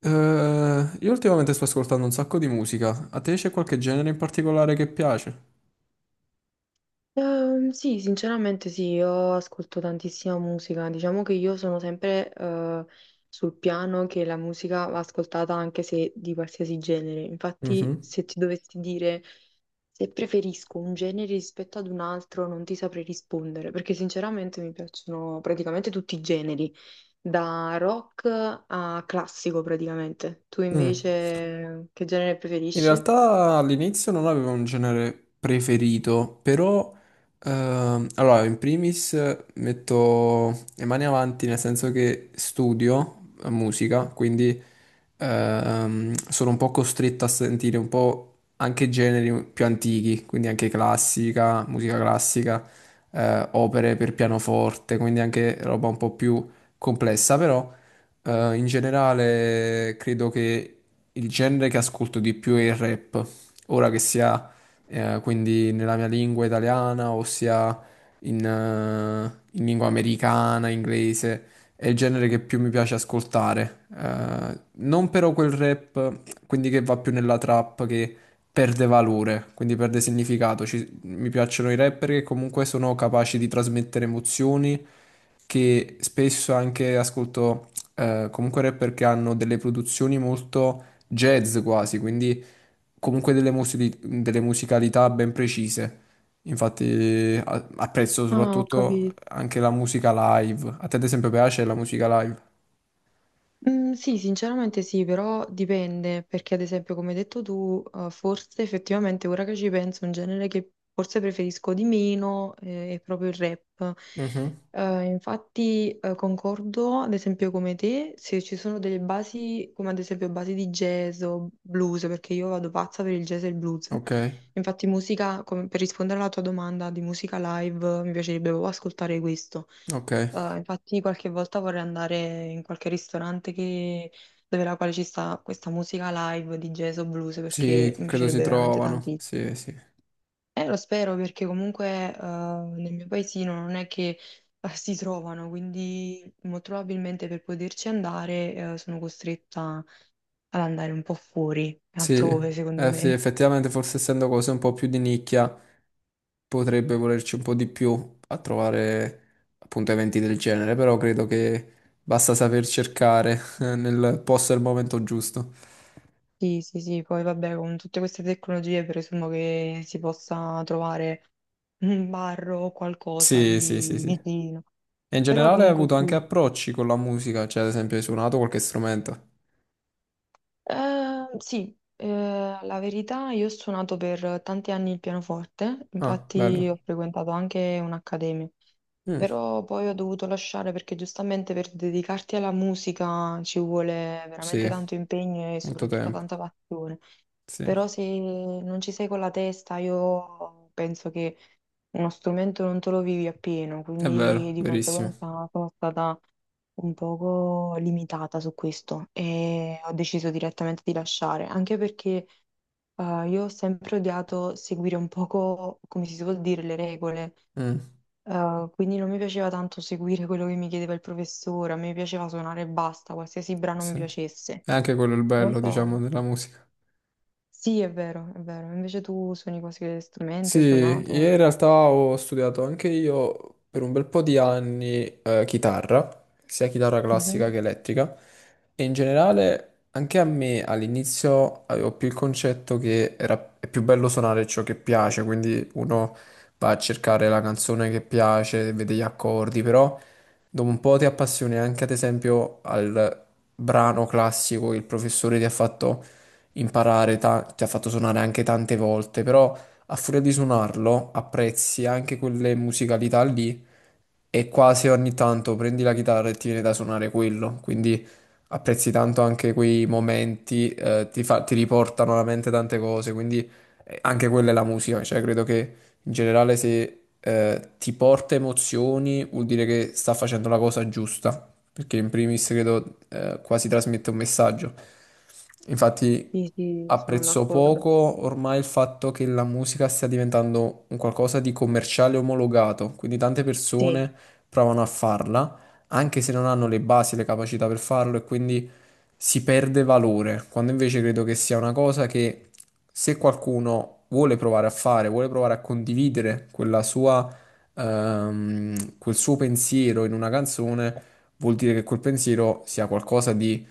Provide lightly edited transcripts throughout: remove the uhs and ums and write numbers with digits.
Io ultimamente sto ascoltando un sacco di musica. A te c'è qualche genere in particolare che piace? Sì, sinceramente sì, io ascolto tantissima musica, diciamo che io sono sempre sul piano che la musica va ascoltata anche se di qualsiasi genere. Infatti, Mhm. se ti dovessi dire se preferisco un genere rispetto ad un altro, non ti saprei rispondere, perché sinceramente mi piacciono praticamente tutti i generi, da rock a classico praticamente. Tu Mm. invece che genere In preferisci? realtà all'inizio non avevo un genere preferito, però allora in primis metto le mani avanti nel senso che studio musica, quindi sono un po' costretto a sentire un po' anche generi più antichi, quindi anche classica, musica classica, opere per pianoforte, quindi anche roba un po' più complessa, però in generale credo che il genere che ascolto di più è il rap, ora che sia quindi nella mia lingua italiana o sia in, eh, in lingua americana, inglese. È il genere che più mi piace ascoltare. Non però quel rap, quindi che va più nella trap, che perde valore, quindi perde significato. Mi piacciono i rapper che comunque sono capaci di trasmettere emozioni, che spesso anche ascolto comunque rapper che hanno delle produzioni molto jazz quasi, quindi comunque delle, delle musicalità ben precise. Infatti apprezzo Ah, ho soprattutto capito. anche la musica live. A te ad esempio piace la musica live? Mhmm, sì, sinceramente sì, però dipende, perché ad esempio come hai detto tu, forse effettivamente ora che ci penso un genere che forse preferisco di meno, è proprio il rap. Mhm. Infatti, concordo ad esempio come te, se ci sono delle basi, come ad esempio basi di jazz o blues, perché io vado pazza per il jazz e il blues. Ok, Infatti musica, come per rispondere alla tua domanda di musica live, mi piacerebbe proprio ascoltare questo. ok. Infatti qualche volta vorrei andare in qualche dove la quale ci sta questa musica live di jazz o blues, Sì, perché mi credo si piacerebbe veramente trovano. tantissimo. Sì, sì. Lo spero, perché comunque nel mio paesino non è che si trovano, quindi molto probabilmente per poterci andare sono costretta ad andare un po' fuori, Sì, altrove secondo sì, me. effettivamente forse essendo cose un po' più di nicchia potrebbe volerci un po' di più a trovare appunto eventi del genere, però credo che basta saper cercare nel posto e al momento giusto. Sì, sì, sì, poi vabbè, con tutte queste tecnologie presumo che si possa trovare un bar o qualcosa Sì, sì, sì, di sì. vicino. E in Però generale hai comunque avuto anche sì. approcci con la musica, cioè ad esempio hai suonato qualche strumento. Eh, sì, la verità, io ho suonato per tanti anni il pianoforte, Ah, bello. infatti ho frequentato anche un'accademia, Mm, però poi ho dovuto lasciare perché giustamente per dedicarti alla musica ci vuole veramente sì, tanto impegno e molto soprattutto tempo. tanta passione. Sì, Però se non ci sei con la testa, io penso che uno strumento non te lo vivi appieno, è quindi vero, di verissimo. conseguenza sono stata un poco limitata su questo e ho deciso direttamente di lasciare, anche perché io ho sempre odiato seguire un poco, come si suol dire, le regole. Mm, Quindi non mi piaceva tanto seguire quello che mi chiedeva il professore, a me piaceva suonare e basta, qualsiasi brano mi sì. piacesse. È anche quello il Non bello, diciamo, so. della musica. Sì, è vero, è vero. Invece tu suoni qualsiasi strumento, Sì, hai io suonato. in realtà ho studiato anche io per un bel po' di anni chitarra, sia chitarra classica Mhm. che elettrica, e in generale anche a me all'inizio avevo più il concetto che è più bello suonare ciò che piace, quindi uno va a cercare la canzone che piace, vede gli accordi, però dopo un po' ti appassioni anche ad esempio al brano classico che il professore ti ha fatto imparare, ti ha fatto suonare anche tante volte, però a furia di suonarlo apprezzi anche quelle musicalità lì e quasi ogni tanto prendi la chitarra e ti viene da suonare quello, quindi apprezzi tanto anche quei momenti, ti riportano alla mente tante cose, quindi anche quella è la musica, cioè credo che in generale se ti porta emozioni vuol dire che sta facendo la cosa giusta perché in primis credo quasi trasmette un messaggio. Infatti Sì, sì, sono apprezzo d'accordo. poco ormai il fatto che la musica stia diventando un qualcosa di commerciale omologato, quindi tante Sì. persone provano a farla, anche se non hanno le basi, le capacità per farlo e quindi si perde valore, quando invece credo che sia una cosa che se qualcuno vuole provare a fare, vuole provare a condividere quella sua quel suo pensiero in una canzone, vuol dire che quel pensiero sia qualcosa di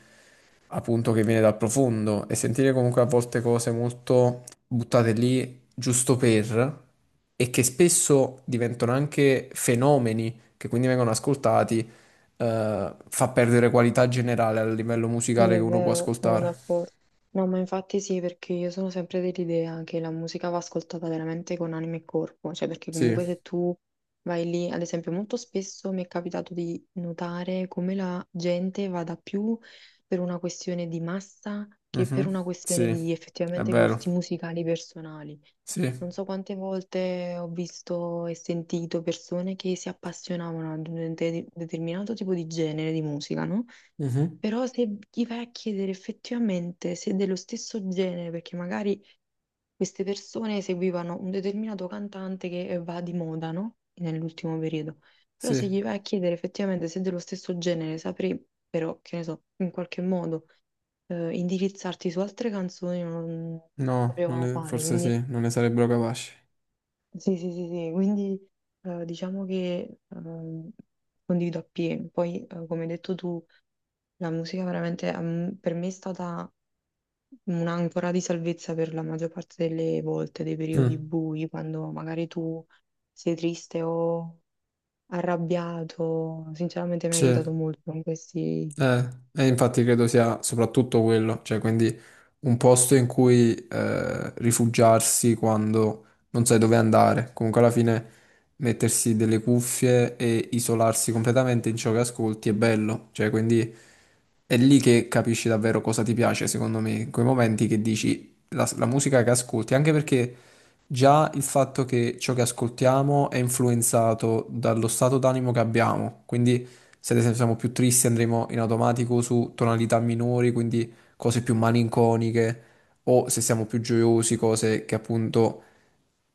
appunto che viene dal profondo e sentire comunque a volte cose molto buttate lì giusto per e che spesso diventano anche fenomeni che quindi vengono ascoltati, fa perdere qualità generale a livello Sì, musicale che è uno può vero, sono ascoltare. d'accordo. No, ma infatti sì, perché io sono sempre dell'idea che la musica va ascoltata veramente con anima e corpo, cioè perché Sì. comunque se tu vai lì, ad esempio, molto spesso mi è capitato di notare come la gente vada più per una questione di massa che per Mhm. una questione Sì, di è effettivamente vero. gusti musicali personali. Non Sì. so quante volte ho visto e sentito persone che si appassionavano ad determinato tipo di genere di musica, no? Mhm. Però se gli vai a chiedere effettivamente se è dello stesso genere, perché magari queste persone seguivano un determinato cantante che va di moda, no? Nell'ultimo periodo. Però Sì, se gli vai a chiedere effettivamente se è dello stesso genere, saprei però, che ne so, in qualche modo indirizzarti su altre canzoni non no, non sapevano ne- fare. forse Quindi, sì, non ne sarebbero capaci. sì, sì, sì, sì. Quindi diciamo che condivido appieno. Poi, come hai detto tu, la musica veramente per me è stata un'ancora di salvezza per la maggior parte delle volte, dei periodi Mm. bui, quando magari tu sei triste o arrabbiato. Sinceramente mi ha aiutato Sì. molto in questi... E infatti credo sia soprattutto quello, cioè quindi un posto in cui rifugiarsi quando non sai dove andare, comunque alla fine mettersi delle cuffie e isolarsi completamente in ciò che ascolti è bello, cioè quindi è lì che capisci davvero cosa ti piace, secondo me, in quei momenti che dici la musica che ascolti, anche perché già il fatto che ciò che ascoltiamo è influenzato dallo stato d'animo che abbiamo, quindi se ad esempio siamo più tristi andremo in automatico su tonalità minori, quindi cose più malinconiche, o se siamo più gioiosi, cose che appunto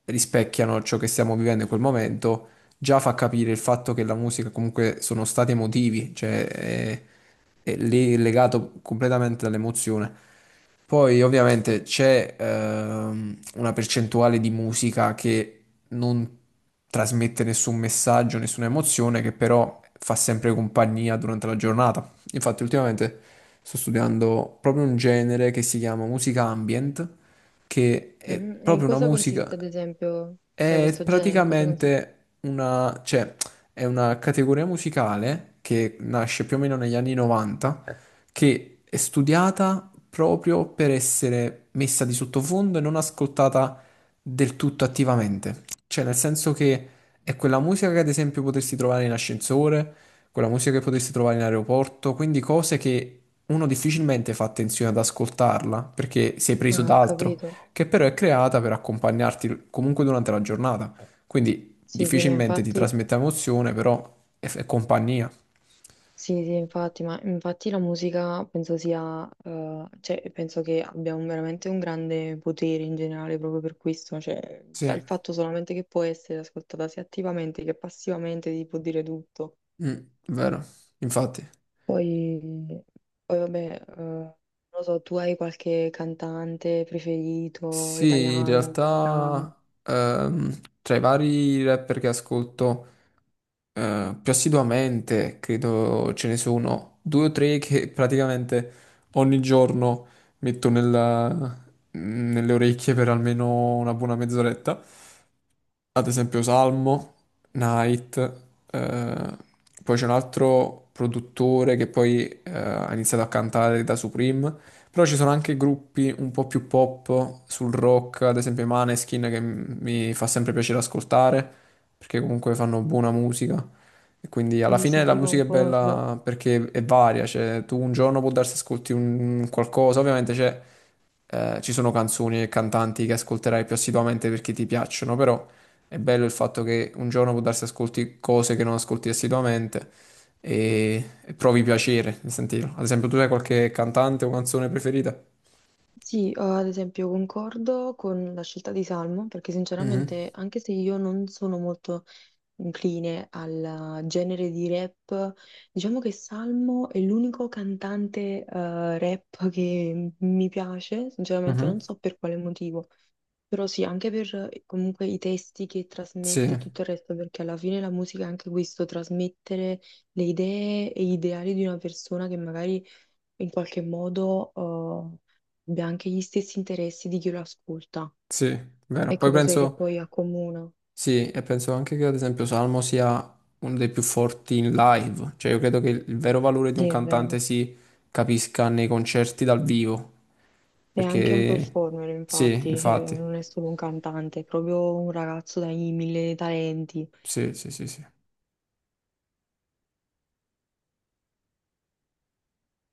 rispecchiano ciò che stiamo vivendo in quel momento, già fa capire il fatto che la musica comunque sono stati emotivi, cioè è lì legato completamente all'emozione. Poi ovviamente c'è una percentuale di musica che non trasmette nessun messaggio, nessuna emozione, che però fa sempre compagnia durante la giornata. Infatti ultimamente sto studiando proprio un genere che si chiama musica ambient, che è Mhm. E in proprio una cosa consiste, musica. ad esempio, cioè È questo genere, in cosa consiste? praticamente una, cioè, è una categoria musicale che nasce più o meno negli anni 90, che è studiata proprio per essere messa di sottofondo e non ascoltata del tutto attivamente. Cioè, nel senso che è quella musica che ad esempio potresti trovare in ascensore, quella musica che potresti trovare in aeroporto, quindi cose che uno difficilmente fa attenzione ad ascoltarla perché sei preso Ah, ho da altro capito. che però è creata per accompagnarti comunque durante la giornata. Quindi Sì, sì, ma difficilmente ti infatti trasmette emozione, però è compagnia. sì, sì, infatti, ma infatti la musica penso sia, cioè, penso che abbia veramente un grande potere in generale proprio per questo, cioè, Sì. già il fatto solamente che può essere ascoltata sia attivamente che passivamente ti può dire tutto. Mm, vero, infatti. Poi, poi vabbè, non lo so, tu hai qualche cantante preferito, Sì, in italiano, americano? realtà tra i vari rapper che ascolto più assiduamente, credo ce ne sono due o tre che praticamente ogni giorno metto nella- nelle orecchie per almeno una buona mezz'oretta. Ad esempio Salmo, Night, eh, poi c'è un altro produttore che poi ha iniziato a cantare da Supreme, però ci sono anche gruppi un po' più pop sul rock, ad esempio i Maneskin che mi fa sempre piacere ascoltare perché comunque fanno buona musica. E quindi alla Sì, sì, fine la sì, musica è concordo. bella perché è varia, cioè tu un giorno può darsi ascolti un qualcosa, ovviamente c'è ci sono canzoni e cantanti che ascolterai più assiduamente perché ti piacciono, però è bello il fatto che un giorno può darsi ascolti cose che non ascolti assiduamente e provi piacere nel sentirlo. Ad esempio, tu hai qualche cantante o canzone preferita? Sì, ad esempio concordo con la scelta di Salmo, perché Mhm, sinceramente anche se io non sono molto incline al genere di rap. Diciamo che Salmo è l'unico cantante rap che mi piace, sinceramente non mhm. so per quale motivo, però sì, anche per comunque i testi che Sì, trasmette e tutto il resto, perché alla fine la musica è anche questo, trasmettere le idee e gli ideali di una persona che magari in qualche modo eh, abbia anche gli stessi interessi di chi lo ascolta. sì, vero. Poi Ecco cos'è che penso, poi accomuna. sì, e penso anche che ad esempio Salmo sia uno dei più forti in live, cioè io credo che il vero valore di un Sì, è cantante vero. si capisca nei concerti dal vivo, Neanche un perché performer, sì, infatti, cioè, infatti. non è solo un cantante, è proprio un ragazzo dai mille talenti. Sì, sì, sì, sì.